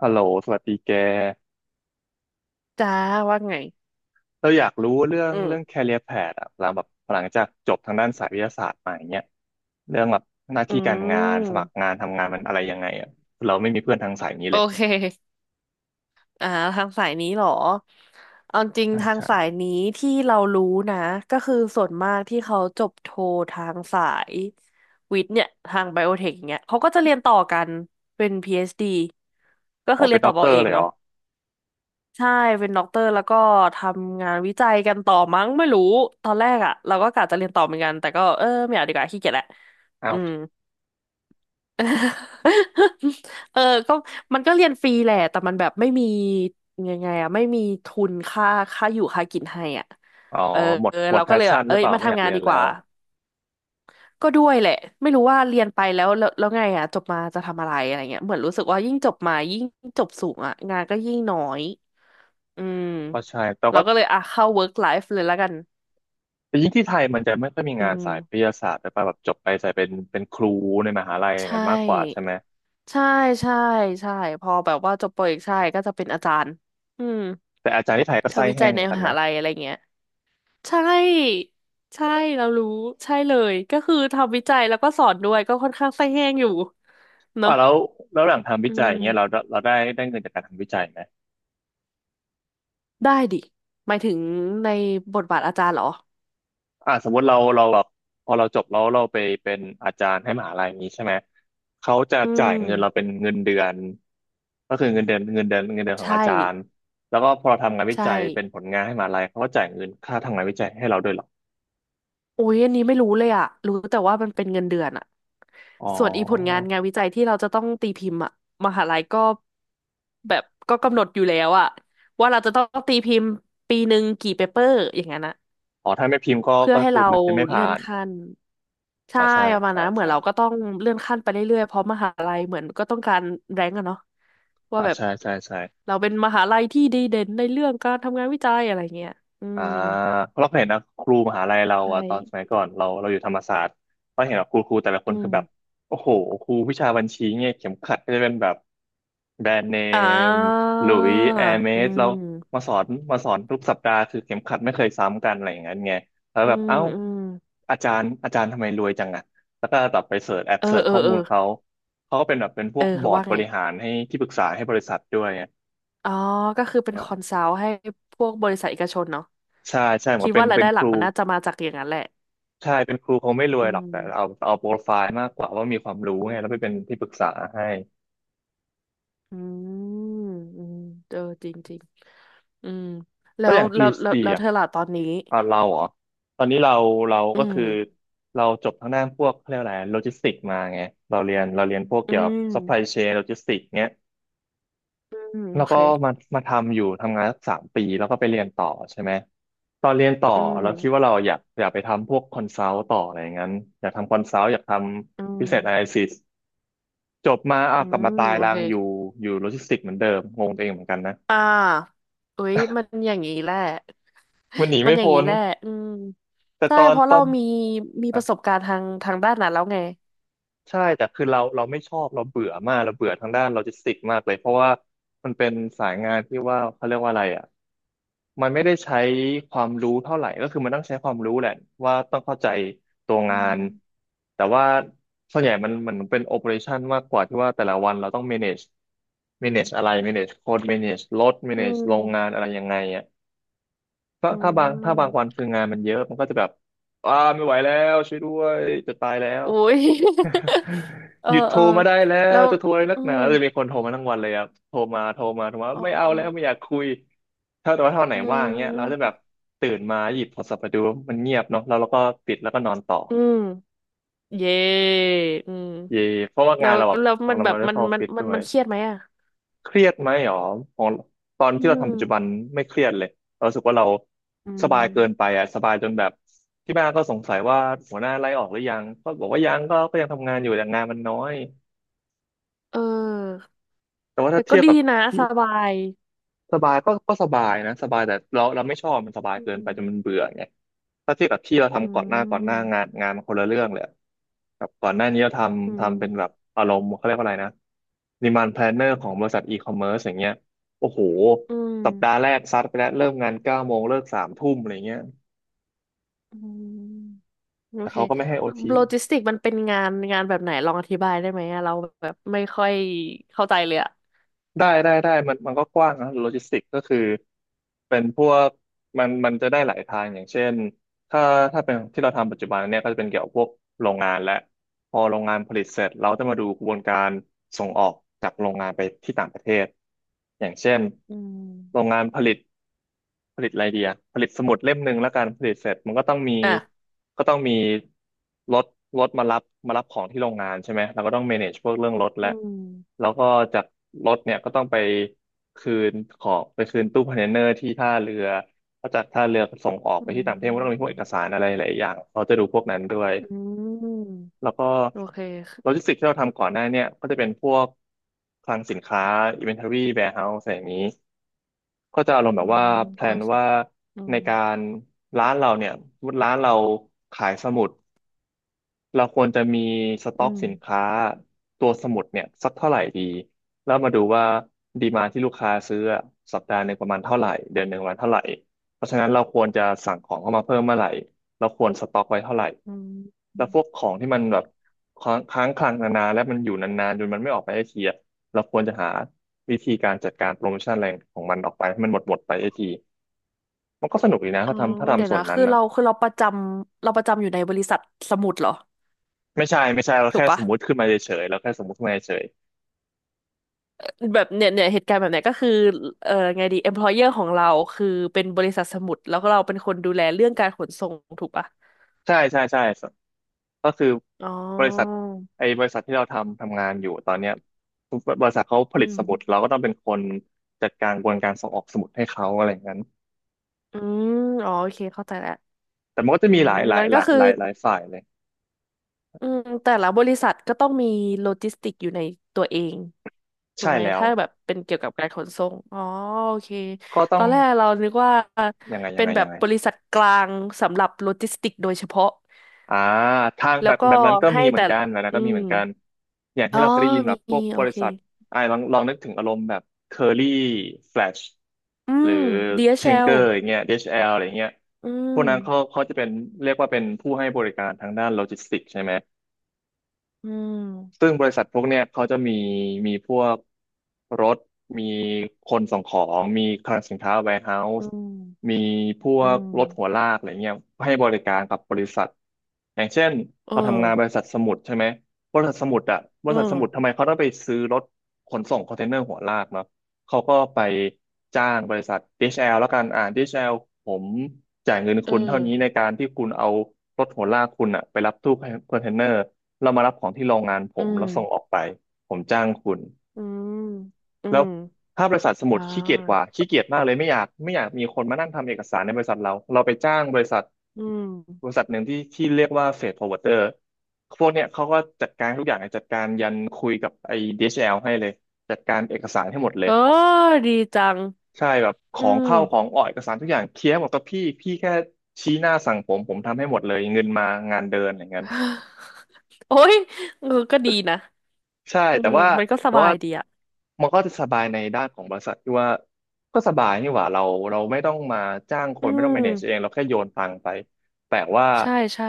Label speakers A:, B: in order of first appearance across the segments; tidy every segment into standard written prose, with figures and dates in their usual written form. A: ฮัลโหลสวัสดีแก
B: จ้าว่าไง
A: เราอยากรู้เรื่อง
B: อื
A: เรื่อง
B: ม
A: career path อะหลังแบบหลังจากจบทางด้านสายวิทยาศาสตร์มาอย่างเงี้ยเรื่องแบบหน้า
B: อื
A: ที่การงานสมัคร
B: ม
A: งานทำงานมันอะไรยังไงอะเราไม่มีเพื่อนทางสายนี้
B: โอ
A: เลย
B: เคอ่าทางสายนี้เหรอเอาจริง
A: ใช่
B: ทาง
A: ใช่
B: สายนี้ที่เรารู้นะ ก็คือส่วนมากที่เขาจบโททางสายวิทย์เนี่ยทางไบโอเทคอย่างเงี้ยเขาก็จะเรียนต่อกันเป็น PhD ก็
A: อ๋อ
B: คือเรี
A: เป็
B: ย
A: น
B: นต่
A: ด็
B: อ
A: อก
B: ป
A: เต
B: อ
A: อ
B: เอ
A: ร์
B: ก
A: เลยเหร
B: เนาะ
A: อ
B: ใช่ เป็นด็อกเตอร์แล้วก็ทำงานวิจัยกันต่อมั้งไม่รู้ ตอนแรกอะเราก็กะจะเรียนต่อเหมือนกันแต่ก็เออไม่เอาดีกว่าขี้เกียจแหละ
A: อ้า
B: อื
A: ว
B: ม เออก็มันก็เรียนฟรีแหละแต่มันแบบไม่มียังไงอะไม่มีทุนค่าค่าอยู่ค่ากินให้อ่ะ
A: อ๋อ
B: เออ
A: หมดหม
B: เรา
A: ดแพ
B: ก็
A: ช
B: เลยแบ
A: ชั่
B: บ
A: นห
B: เอ้
A: รือ
B: ย
A: เปล่า
B: มา
A: ไม่อยาก
B: ทำงาน
A: เรีย
B: ดี
A: น
B: ก
A: แล้
B: ว่า
A: ว
B: ก็ด้วยแหละไม่รู้ว่าเรียนไปแล้วไงอ่ะจบมาจะทำอะไรอะไรเงี้ยเหมือนรู้สึกว่ายิ่งจบมายิ่งจบสูงอ่ะงานก็ยิ่งน้อยอืม
A: ก็ใช่แต่
B: เรา
A: ก็
B: ก็เลยอ่ะเข้า work life เลยแล้วกัน
A: แต่ยิ่งที่ไทยมันจะไม่ค่อยมี
B: อื
A: งาน
B: ม
A: สายวิทยาศาสตร์แต่ป่ะแบบจบไปใส่เป็นครูในมหาลัยอ
B: ใช
A: ย่างนั้นมากกว่าใช่
B: ่
A: ไหม
B: ใช่ใช่ใช่พอแบบว่าจบโปรเอกใช่ก็จะเป็นอาจารย์อืม
A: แต่อาจารย์ที่ไทยก็
B: เธอ
A: ไส้
B: วิ
A: แห้
B: จัย
A: งเห
B: ใน
A: มือน
B: ม
A: กัน
B: หา
A: นะ
B: ลัยอะไรเงี้ยใช่ใช่เรารู้ใช่เลยก็คือทำวิจัยแล้วก็สอนด้วยก็ค่อนข้างไส้แห้งอยู่เน
A: อ่า
B: อะ
A: แล้วแล้วหลังทำวิ
B: อื
A: จัยอย่างเงี้ยเรา
B: ม
A: เราได้เงินจากการทำวิจัยไหม
B: ได้ดิหมายถึงในบทบาทอาจารย์เหรอ
A: อ่าสมมติเราแบบพอเราจบแล้วเราไปเป็นอาจารย์ให้มหาลัยนี้ใช่ไหมเขาจะ
B: อื
A: จ่ายเงินเราเป็
B: ม
A: นเงินเดือนก็คือเงินเดือนเงินเดือนเงินเดือนของ
B: ใช่
A: อาจารย์แล้วก็พอเราทำงานวิ
B: ใช่
A: จัยเป็นผลงานให้มหาลัยเขาก็จ่ายเงินค่าทำงานวิจัยให้เราด้วยเหรอ
B: โอ้ยอันนี้ไม่รู้เลยอะรู้แต่ว่ามันเป็นเงินเดือนอะ
A: อ๋อ
B: ส่วนอีผลงานงานวิจัยที่เราจะต้องตีพิมพ์อะมหาลัยก็แบบก็กำหนดอยู่แล้วอะว่าเราจะต้องตีพิมพ์ปีหนึ่งกี่เปเปอร์อย่างนั้นอะ
A: อ๋อถ้าไม่พิมพ์ก็
B: เพื่อ
A: ก็
B: ให้
A: คือ
B: เรา
A: มันจะไม่
B: เลื่อ
A: ผ่า
B: น
A: น
B: ขั้น
A: อ๋
B: ใช่
A: อใช่
B: ประมาณ
A: ใช่
B: นั้นเหมือ
A: ใช่
B: นเราก็ต้องเลื่อนขั้นไปเรื่อยๆเพราะมหาลัยเหมือนก็ต้องการแรงก์อะเนาะว่า
A: อ๋อ
B: แบบ
A: ใช่ใช่ใช่
B: เราเป็นมหาลัยที่ดีเด่นในเรื่องการทำงานวิจัยอะไรเงี้ยอื
A: อ่า
B: ม
A: เพราะเราเคยเห็นนะครูมหาลัยเรา
B: ใช
A: อะตอนสมั
B: ่
A: ยก่อนเราอยู่ธรรมศาสตร์เราเห็นแบบครูแต่ละค
B: อื
A: นคื
B: ม
A: อแบบโอ้โหครูวิชาบัญชีเนี่ยเข็มขัดก็จะเป็นแบบแบรนด์เน
B: อ่
A: ม
B: า
A: หลุยแอร์เม
B: อื
A: สเรา
B: ม
A: มาสอนทุกสัปดาห์คือเข็มขัดไม่เคยซ้ำกันอะไรอย่างเงี้ยไงแล้ว
B: อื
A: แบบ
B: ม
A: เอ้า
B: อืม
A: อาจารย์ทำไมรวยจังอะแล้วก็แบบไปเสิร์ชแอบ
B: เออ
A: เสิร์ช
B: เออ
A: ข้อ
B: เอ
A: มู
B: อ
A: ลเขาเขาก็เป็นแบบเป็นพ
B: เอ
A: ว
B: อ
A: กบ
B: คื
A: อ
B: อ
A: ร์ด
B: ว่า
A: บ
B: ไง
A: ริหารให้ที่ปรึกษาให้บริษัทด้วยไง
B: อ๋อก็คือเป็นคอนซัลท์ให้พวกบริษัทเอกชนเนาะ
A: ใช่ใช่เหมือ
B: คิด
A: นเป็น
B: ว่าราย
A: เป็น
B: ได้ห
A: ค
B: ลัก
A: รู
B: มันน่าจะมาจากอย่างนั้นแหละ
A: ใช่เป็นครูคงไม่รว
B: อื
A: ยหรอก
B: ม
A: แต่เอาโปรไฟล์มากกว่าว่ามีความรู้ไงแล้วไปเป็นที่ปรึกษาให้
B: อืมอืมเออจริงจริงอืมแล้
A: แล้วอ
B: ว
A: ย่างพีซีอ่ะ
B: เธอล่ะตอนนี้
A: อ่ะเราเหรอตอนนี้เราเรา
B: อื
A: ก็
B: ม
A: คือเราจบทางด้านพวกเขาเรียกอะไรโลจิสติกมาไงเราเรียนพวก
B: อื
A: เกี่ยวกับ
B: ม
A: ซัพพลายเชนโลจิสติกเนี้ย
B: อืม
A: แล้
B: โอ
A: วก็
B: เค
A: มาทำอยู่ทำงานสัก3 ปีแล้วก็ไปเรียนต่อใช่ไหมตอนเรียนต่อ
B: อืม
A: เราคิดว่าเราอยากไปทำพวกคอนซัลต์ต่ออะไรอย่างนั้นอยากทำคอนซัลต์อยากท
B: อื
A: ำ business
B: ม
A: analysis จบมาอ่ะ
B: อื
A: กลับมา
B: ม
A: ตาย
B: โอ
A: รา
B: เค
A: งอยู่อยู่โลจิสติกส์เหมือนเดิมงงตัวเองเหมือนกันนะ
B: อ่าอุ๊ยมันอย่างนี้แหละ
A: มันหนี
B: มัน
A: ไม่
B: อย่างนี้
A: พ้น
B: แหละอืม
A: แต่
B: ใช่
A: ตอน
B: เพราะ
A: ตอ
B: เรา
A: น
B: มีป
A: อ่ะ
B: ระสบการณ์ทางด้านนั้นแล้วไง
A: ใช่แต่คือเราไม่ชอบเราเบื่อมากเราเบื่อทางด้านโลจิสติกส์มากเลยเพราะว่ามันเป็นสายงานที่ว่าเขาเรียกว่าอะไรอ่ะมันไม่ได้ใช้ความรู้เท่าไหร่ก็คือมันต้องใช้ความรู้แหละว่าต้องเข้าใจตัว
B: อื
A: งาน
B: ม
A: แต่ว่าส่วนใหญ่มันเป็นโอ e r a t i o n มากกว่าที่ว่าแต่ละวันเราต้อง manage manage อะไร manage คน manage รถ
B: อื
A: manage โรงงาน
B: ม
A: อะไรยังไงอ่ะ ก็
B: อื
A: ถ้าบางวัน
B: ม
A: คืองานมันเยอะมันก็จะแบบอ่าไม่ไหวแล้วช่วยด้วยจะตายแล้ว
B: อุ๊ย เอ อ
A: หยุดโท
B: เอ
A: ร
B: อ
A: มาได้แล้
B: แล้
A: ว
B: ว
A: จะโทรอะไรนั
B: อื
A: กหนา
B: ม
A: จะมีคนโทรมาทั้งวันเลยครับโทรมา
B: อ๋อ
A: ไม่เอาแล้วไม่อยากคุยถ้าแต่ว่าถ้าวันไหน
B: อื
A: ว่างเนี้ยเราจะแบ
B: ม
A: บตื่นมาหยิบโทรศัพท์มาดูมันเงียบเนาะแล้วเราก็ปิดแล้วก็นอนต่อ
B: อืม เย่อืม
A: เย่เพราะว่า
B: แล้
A: งาน
B: ว
A: เราแบบ
B: แล้ว
A: ขอ
B: มั
A: ง
B: น
A: เรา
B: แบ
A: มั
B: บ
A: นไม่
B: มัน
A: เข้าออฟ
B: มัน
A: ฟิศ
B: มั
A: ด้
B: น
A: ว
B: มั
A: ย
B: นเครียดไหมอ่ะ
A: เครียดไหมหรอของตอน
B: อื
A: ที่เราทำ
B: ม
A: ปัจจุบันไม่เครียดเลยเรารู้สึกว่าเรา
B: อื
A: สบายเกินไป
B: ม
A: อะสบายจนแบบที่บ้านก็สงสัยว่าหัวหน้าไล่ออกหรือยังก็บอกว่ายังก็ยังทำงานอยู่แต่งานมันน้อย
B: เออ
A: แต่ว่า
B: แต่
A: ถ้า
B: ก็
A: เทียบ
B: ดี
A: กับ
B: นะ
A: ที่
B: สบาย
A: สบายก็สบายนะสบายแต่เราไม่ชอบมันสบาย
B: อื
A: เกินไปจนมัน
B: ม
A: เบื่อไงถ้าเทียบกับที่เรา
B: อื
A: ทำก่อนหน้างา
B: ม
A: นงานมันคนละเรื่องเลยกับก่อนหน้านี้เราท
B: อื
A: ำ
B: ม
A: ทำเป็นแบบอารมณ์เขาเรียกว่าอะไรนะ demand planner ของบริษัทอีคอมเมิร์อย่างเงี้ยโอ้โห
B: อืม
A: สัปดาห์แรกซัดไปแล้วเริ่มงาน9 โมงเลิก3 ทุ่มอะไรเงี้ย
B: อืมโอ
A: แต่
B: เค
A: เขาก็ไม่ให้โอที
B: โลจิสติกมันเป็นงานแบบไหนลองอธิบายได้ไหมอะเราแบบไม่ค่อยเข้าใจเลยอะ
A: ได้มันก็กว้างนะโลจิสติกก็คือเป็นพวกมันจะได้หลายทางอย่างเช่นถ้าถ้าเป็นที่เราทำปัจจุบันเนี่ยก็จะเป็นเกี่ยวกับพวกโรงงานและพอโรงงานผลิตเสร็จเราจะมาดูกระบวนการส่งออกจากโรงงานไปที่ต่างประเทศอย่างเช่น
B: อื
A: โรง
B: ม
A: งานผลิต ผลิตอะไรดีอะผลิตสมุดเล่มหนึ่งแล้วกันผลิตเสร็จมันก็ต้องมี
B: อ่ะ
A: ก็ต้องมีรถรถมารับมารับของที่โรงงานใช่ไหมเราก็ต้อง manage พวกเรื่องรถ
B: อื
A: และ
B: ม
A: แล้วก็จากรถเนี่ยก็ต้องไปคืนของไปคืนตู้คอนเทนเนอร์ที่ท่าเรือก็จากท่าเรือส่งออก
B: อื
A: ไปที่ต่างประเทศก็ต้องมีพวกเอ
B: ม
A: กสารอะไรหลายอย่างเราจะดูพวกนั้นด้วย
B: อืม
A: แล้วก็
B: โอเค
A: โลจิสติกที่เราทำก่อนหน้าเนี่ยก็จะเป็นพวกคลังสินค้า inventory warehouse อะไรอย่างนี้ ก็จะอารมณ์แบ
B: อื
A: บว่า
B: ม
A: แพล
B: ควา
A: น
B: มสุข
A: ว่า
B: อื
A: ใน
B: ม
A: การร้านเราเนี่ยสมมติร้านเราขายสมุด เราควรจะมีสต็
B: อื
A: อก
B: ม
A: สินค้าตัวสมุดเนี่ยสักเท่าไหร่ดีแล้วมาดูว่าดีมาที่ลูกค้าซื้ออะสัปดาห์หนึ่งประมาณเท่าไหร่เดือนหนึ่งประมาณเท่าไหร่เพราะฉะนั้นเราควรจะสั่งของเข้ามาเพิ่มเมื่อไหร่เราควรสต็อกไว้เท่าไหร่
B: อื
A: แล้วพวก
B: ม
A: ของที่มันแบบค้างคลังนานๆและมันอยู่นานๆจนมันไม่ออกไปไอทีอะเราควรจะหาวิธีการจัดการโปรโมชั่นอะไรของมันออกไปให้มันหมดหมดไปไอทีมันก็สนุกดีนะ
B: อ๋อ
A: ถ้า
B: เดี๋ย
A: ทำ
B: ว
A: ส่ว
B: นะ
A: นนั้น
B: คือ
A: นะ
B: เราประจำอยู่ในบริษัทสมุดเหรอ
A: ไม่ใช่ไม่ใช่เรา
B: ถูก
A: แค่ส
B: ปะ
A: มมุติขึ้นมาเฉยๆเราแค่สมมุติขึ้นมาเฉย
B: แบบเนี่ยเหตุการณ์แบบเนี้ยก็คือไงดี employer ของเราคือเป็นบริษัทสมุดแล้วก็เราเป็นคนดูแลเรื่องการขนส่งถูกปะ
A: ใช่ใช่ใช่สก็คือ
B: อ๋อ
A: บริษัทไอ้บริษัทที่เราทำงานอยู่ตอนเนี้ยบริษัทเขาผ
B: อื
A: ลิต
B: ม
A: สมุดเราก็ต้องเป็นคนจัดการกระบวนการส่งออกสมุดให้เขาอะไรอย่างนั้น
B: อืมอ๋อโอเคเข้าใจแล้ว
A: แต่มันก็จะ
B: อื
A: มี
B: มงั้นก็คือ
A: หลายฝ่ายเลย
B: อืมแต่ละบริษัทก็ต้องมีโลจิสติกอยู่ในตัวเองถู
A: ใช่
B: กไหม
A: แล้ว
B: ถ้าแบบเป็นเกี่ยวกับการขนส่งอ๋อโอเค
A: ก็ต้
B: ต
A: อ
B: อ
A: ง
B: นแรกเรานึกว่าเป็นแบ
A: ยั
B: บ
A: งไง
B: บริษัทกลางสำหรับโลจิสติกโดยเฉพาะ
A: อ่าทาง
B: แล้
A: แบ
B: ว
A: บ
B: ก็
A: นั้นก็
B: ให้
A: มีเหมือ
B: แต่
A: นกันแบบนั้น
B: อื
A: ก็มี
B: ม
A: เหมือนกันอย่าง
B: อ๋
A: ที่
B: อ
A: เราเคยได้ยินแบ
B: มี
A: บพวก
B: โอ
A: บริ
B: เค
A: ษัทลองนึกถึงอารมณ์แบบ Curly Flash
B: อื
A: หรือ
B: ม
A: เชงเกอ
B: DHL อช
A: ร์อย่าง
B: แอล
A: เงี้ย DHL อชแอลอะไรเงี้ย
B: อื
A: พวกนั้นเขา
B: ม
A: เขาจะเป็นเรียกว่าเป็นผู้ให้บริการทางด้านโลจิสติกส์ใช่ไหม
B: อืม
A: ซึ่งบริษัทพวกเนี้ยเขาจะมีมีพวกรถมีคนส่งของมีคลังสินค้า
B: อื
A: warehouse
B: ม
A: มีพว
B: อื
A: ก
B: ม
A: รถหัวลากอะไรเงี้ยให้บริการกับบริษัทอย่างเช่น
B: เออ
A: เราทำงานบริษัทสมุดใช่ไหมบริษัทสมุดอะบ
B: เอ
A: ริ
B: อ
A: ษัทสมุดทำไมเขาต้องไปซื้อรถขนส่งคอนเทนเนอร์หัวลากเนาะเขาก็ไปจ้างบริษัท DHL แอลแล้วกันDHL ผมจ่ายเงิน
B: เออ
A: คุณเท่านี้ในการที่คุณเอารถหัวลากคุณอะไปรับตู้คอนเทนเนอร์ เรามารับของที่โรงงานผ
B: อื
A: ม
B: ม
A: แล้วส่งออกไปผมจ้างคุณ
B: อืมอื
A: แล้ว
B: ม
A: ถ้าบริษัทสมุ
B: อ่
A: ดขี้เกียจกว่า
B: า
A: ขี้เกียจมากเลยไม่อยากมีคนมานั่งทำเอกสารในบริษัทเราเราไปจ้างบริษัท
B: อื
A: บ
B: ม
A: ริษัทหนึ่งที่เรียกว่าเฟดฟอร์เวิร์เตอร์พวกเนี้ยเขาก็จัดการทุกอย่างเลยจัดการยันคุยกับไอ้ DHL ให้เลยจัดการเอกสารให้หมดเล
B: เอ
A: ย
B: อดีจัง
A: ใช่แบบข
B: อื
A: อง
B: ม
A: เข้าของออกเอกสารทุกอย่างเคลียร์หมดกับพี่แค่ชี้หน้าสั่งผมผมทำให้หมดเลยเงินมางานเดินอย่างนั้น
B: โอ้ยเออก็ดีนะ
A: ใช่
B: อื
A: แต่
B: ม
A: ว่า
B: มันก็ส
A: แต่
B: บา
A: ว่า
B: ยดีอ่ะ
A: มันก็จะสบายในด้านของบริษัทที่ว่าก็สบายนี่หว่าเราเราไม่ต้องมาจ้างค
B: อื
A: นไม่ต้อง
B: ม
A: manage เองเราแค่โยนตังค์ไปแต่ว่า
B: ใช่ใช่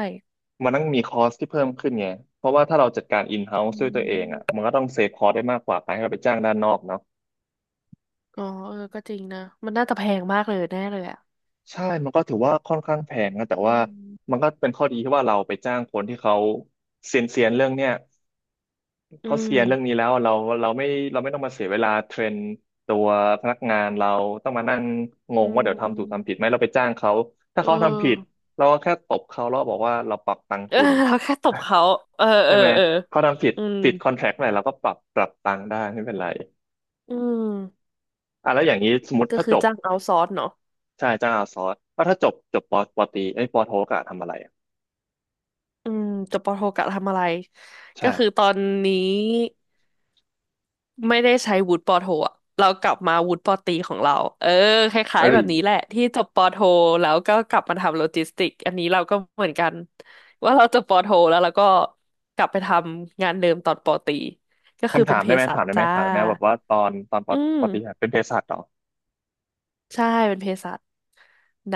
A: มันต้องมีคอสที่เพิ่มขึ้นไงเพราะว่าถ้าเราจัดการ
B: อื
A: in-house ด้วยตัวเองอ่ะ
B: ม
A: มันก็ต้องเซฟคอสได้มากกว่าการให้เราไปจ้างด้านนอกเนาะ
B: อ๋อเออก็จริงนะมันน่าจะแพงมากเลยแน่เลยอ่ะ
A: ใช่มันก็ถือว่าค่อนข้างแพงนะแต่
B: อื
A: ว่ามั
B: ม
A: นก็เป็นข้อดีที่ว่าเราไปจ้างคนที่เขาเซียนเรื่องเนี้ย
B: อื
A: เขา
B: ม
A: เซียนเรื่องนี้แล้วเราเราไม่เราไม่ต้องมาเสียเวลาเทรนตัวพนักงานเราต้องมานั่งง
B: อื
A: งว่าเดี๋ยวทำถูกทำผิ
B: ม
A: ดไหมเราไปจ้างเขาถ้า
B: เอ
A: เขาทำผิด
B: อ
A: เราก็แค่ตบเขาแล้วบอกว่าเราปรับตังค์
B: เออ
A: คุณ
B: เราแค่ตบเขาเออ เอ
A: ใช่
B: อ
A: ไหม
B: เออ
A: เขาทำผิด
B: อืม
A: ผิดคอนแทคไหนเราก็ปรับตังค์ได้ไม่เป็นไร
B: อืม
A: อ่ะแล้วอย่างนี้สมมติ
B: ก็
A: ถ้า
B: คื
A: จ
B: อ
A: บ
B: จ้างเอาท์ซอร์สเนาะ
A: ใช่จ้างอาซอสแล้วถ้าจบจบปอตรีไอ้ยปอโทกะทำอะไรอ่ะ
B: อืมจบปโทกะทำอะไร ก็
A: ใช่
B: คือตอนนี้ ไม่ได้ใช้วุฒิปอโทอะเรากลับมาวุฒิปอตรีของเราเออคล้าย
A: เอ้
B: ๆแบ
A: ย
B: บนี้แหละที่จบปอโทแล้วก็กลับมาทำโลจิสติกอันนี้เราก็เหมือนกันว่าเราจบปอโทแล้วเราก็กลับไปทำงานเดิมตอนปอตรีก็คือ
A: คำถา
B: เป็น
A: ม
B: เภ
A: ได้ไหม
B: สัชจ้า
A: ถามได้ไหมแบบว่าตอน
B: อืม
A: ปอตรีอะเป็นเภสัชเหรอ
B: ใช่เป็นเภสัชน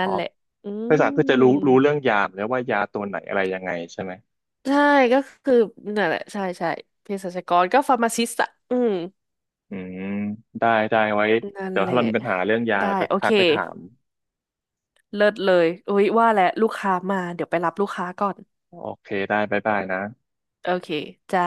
A: อ๋
B: ั่
A: อ
B: นแหละอื
A: ภาษาคือ
B: ม
A: จะรู้เรื่องยามแล้วว่ายาตัวไหนอะไรยังไงใช่ไหม
B: ใช่ก็คือนั่นแหละใช่ใช่เภสัชกรก็ฟาร์มาซิสต์อะอืม
A: อืม ได้ไว้
B: นั่น
A: เดี๋ยว
B: แห
A: ถ้า
B: ละ
A: เรามีปัญหาเรื่องยา
B: ได้
A: เราจะ
B: โอ
A: ทั
B: เค
A: กไปถาม
B: เลิศเลยอุ้ยว่าแหละลูกค้ามาเดี๋ยวไปรับลูกค้าก่อน
A: โอเคได้บ๊ายบายนะ
B: โอเคจ้า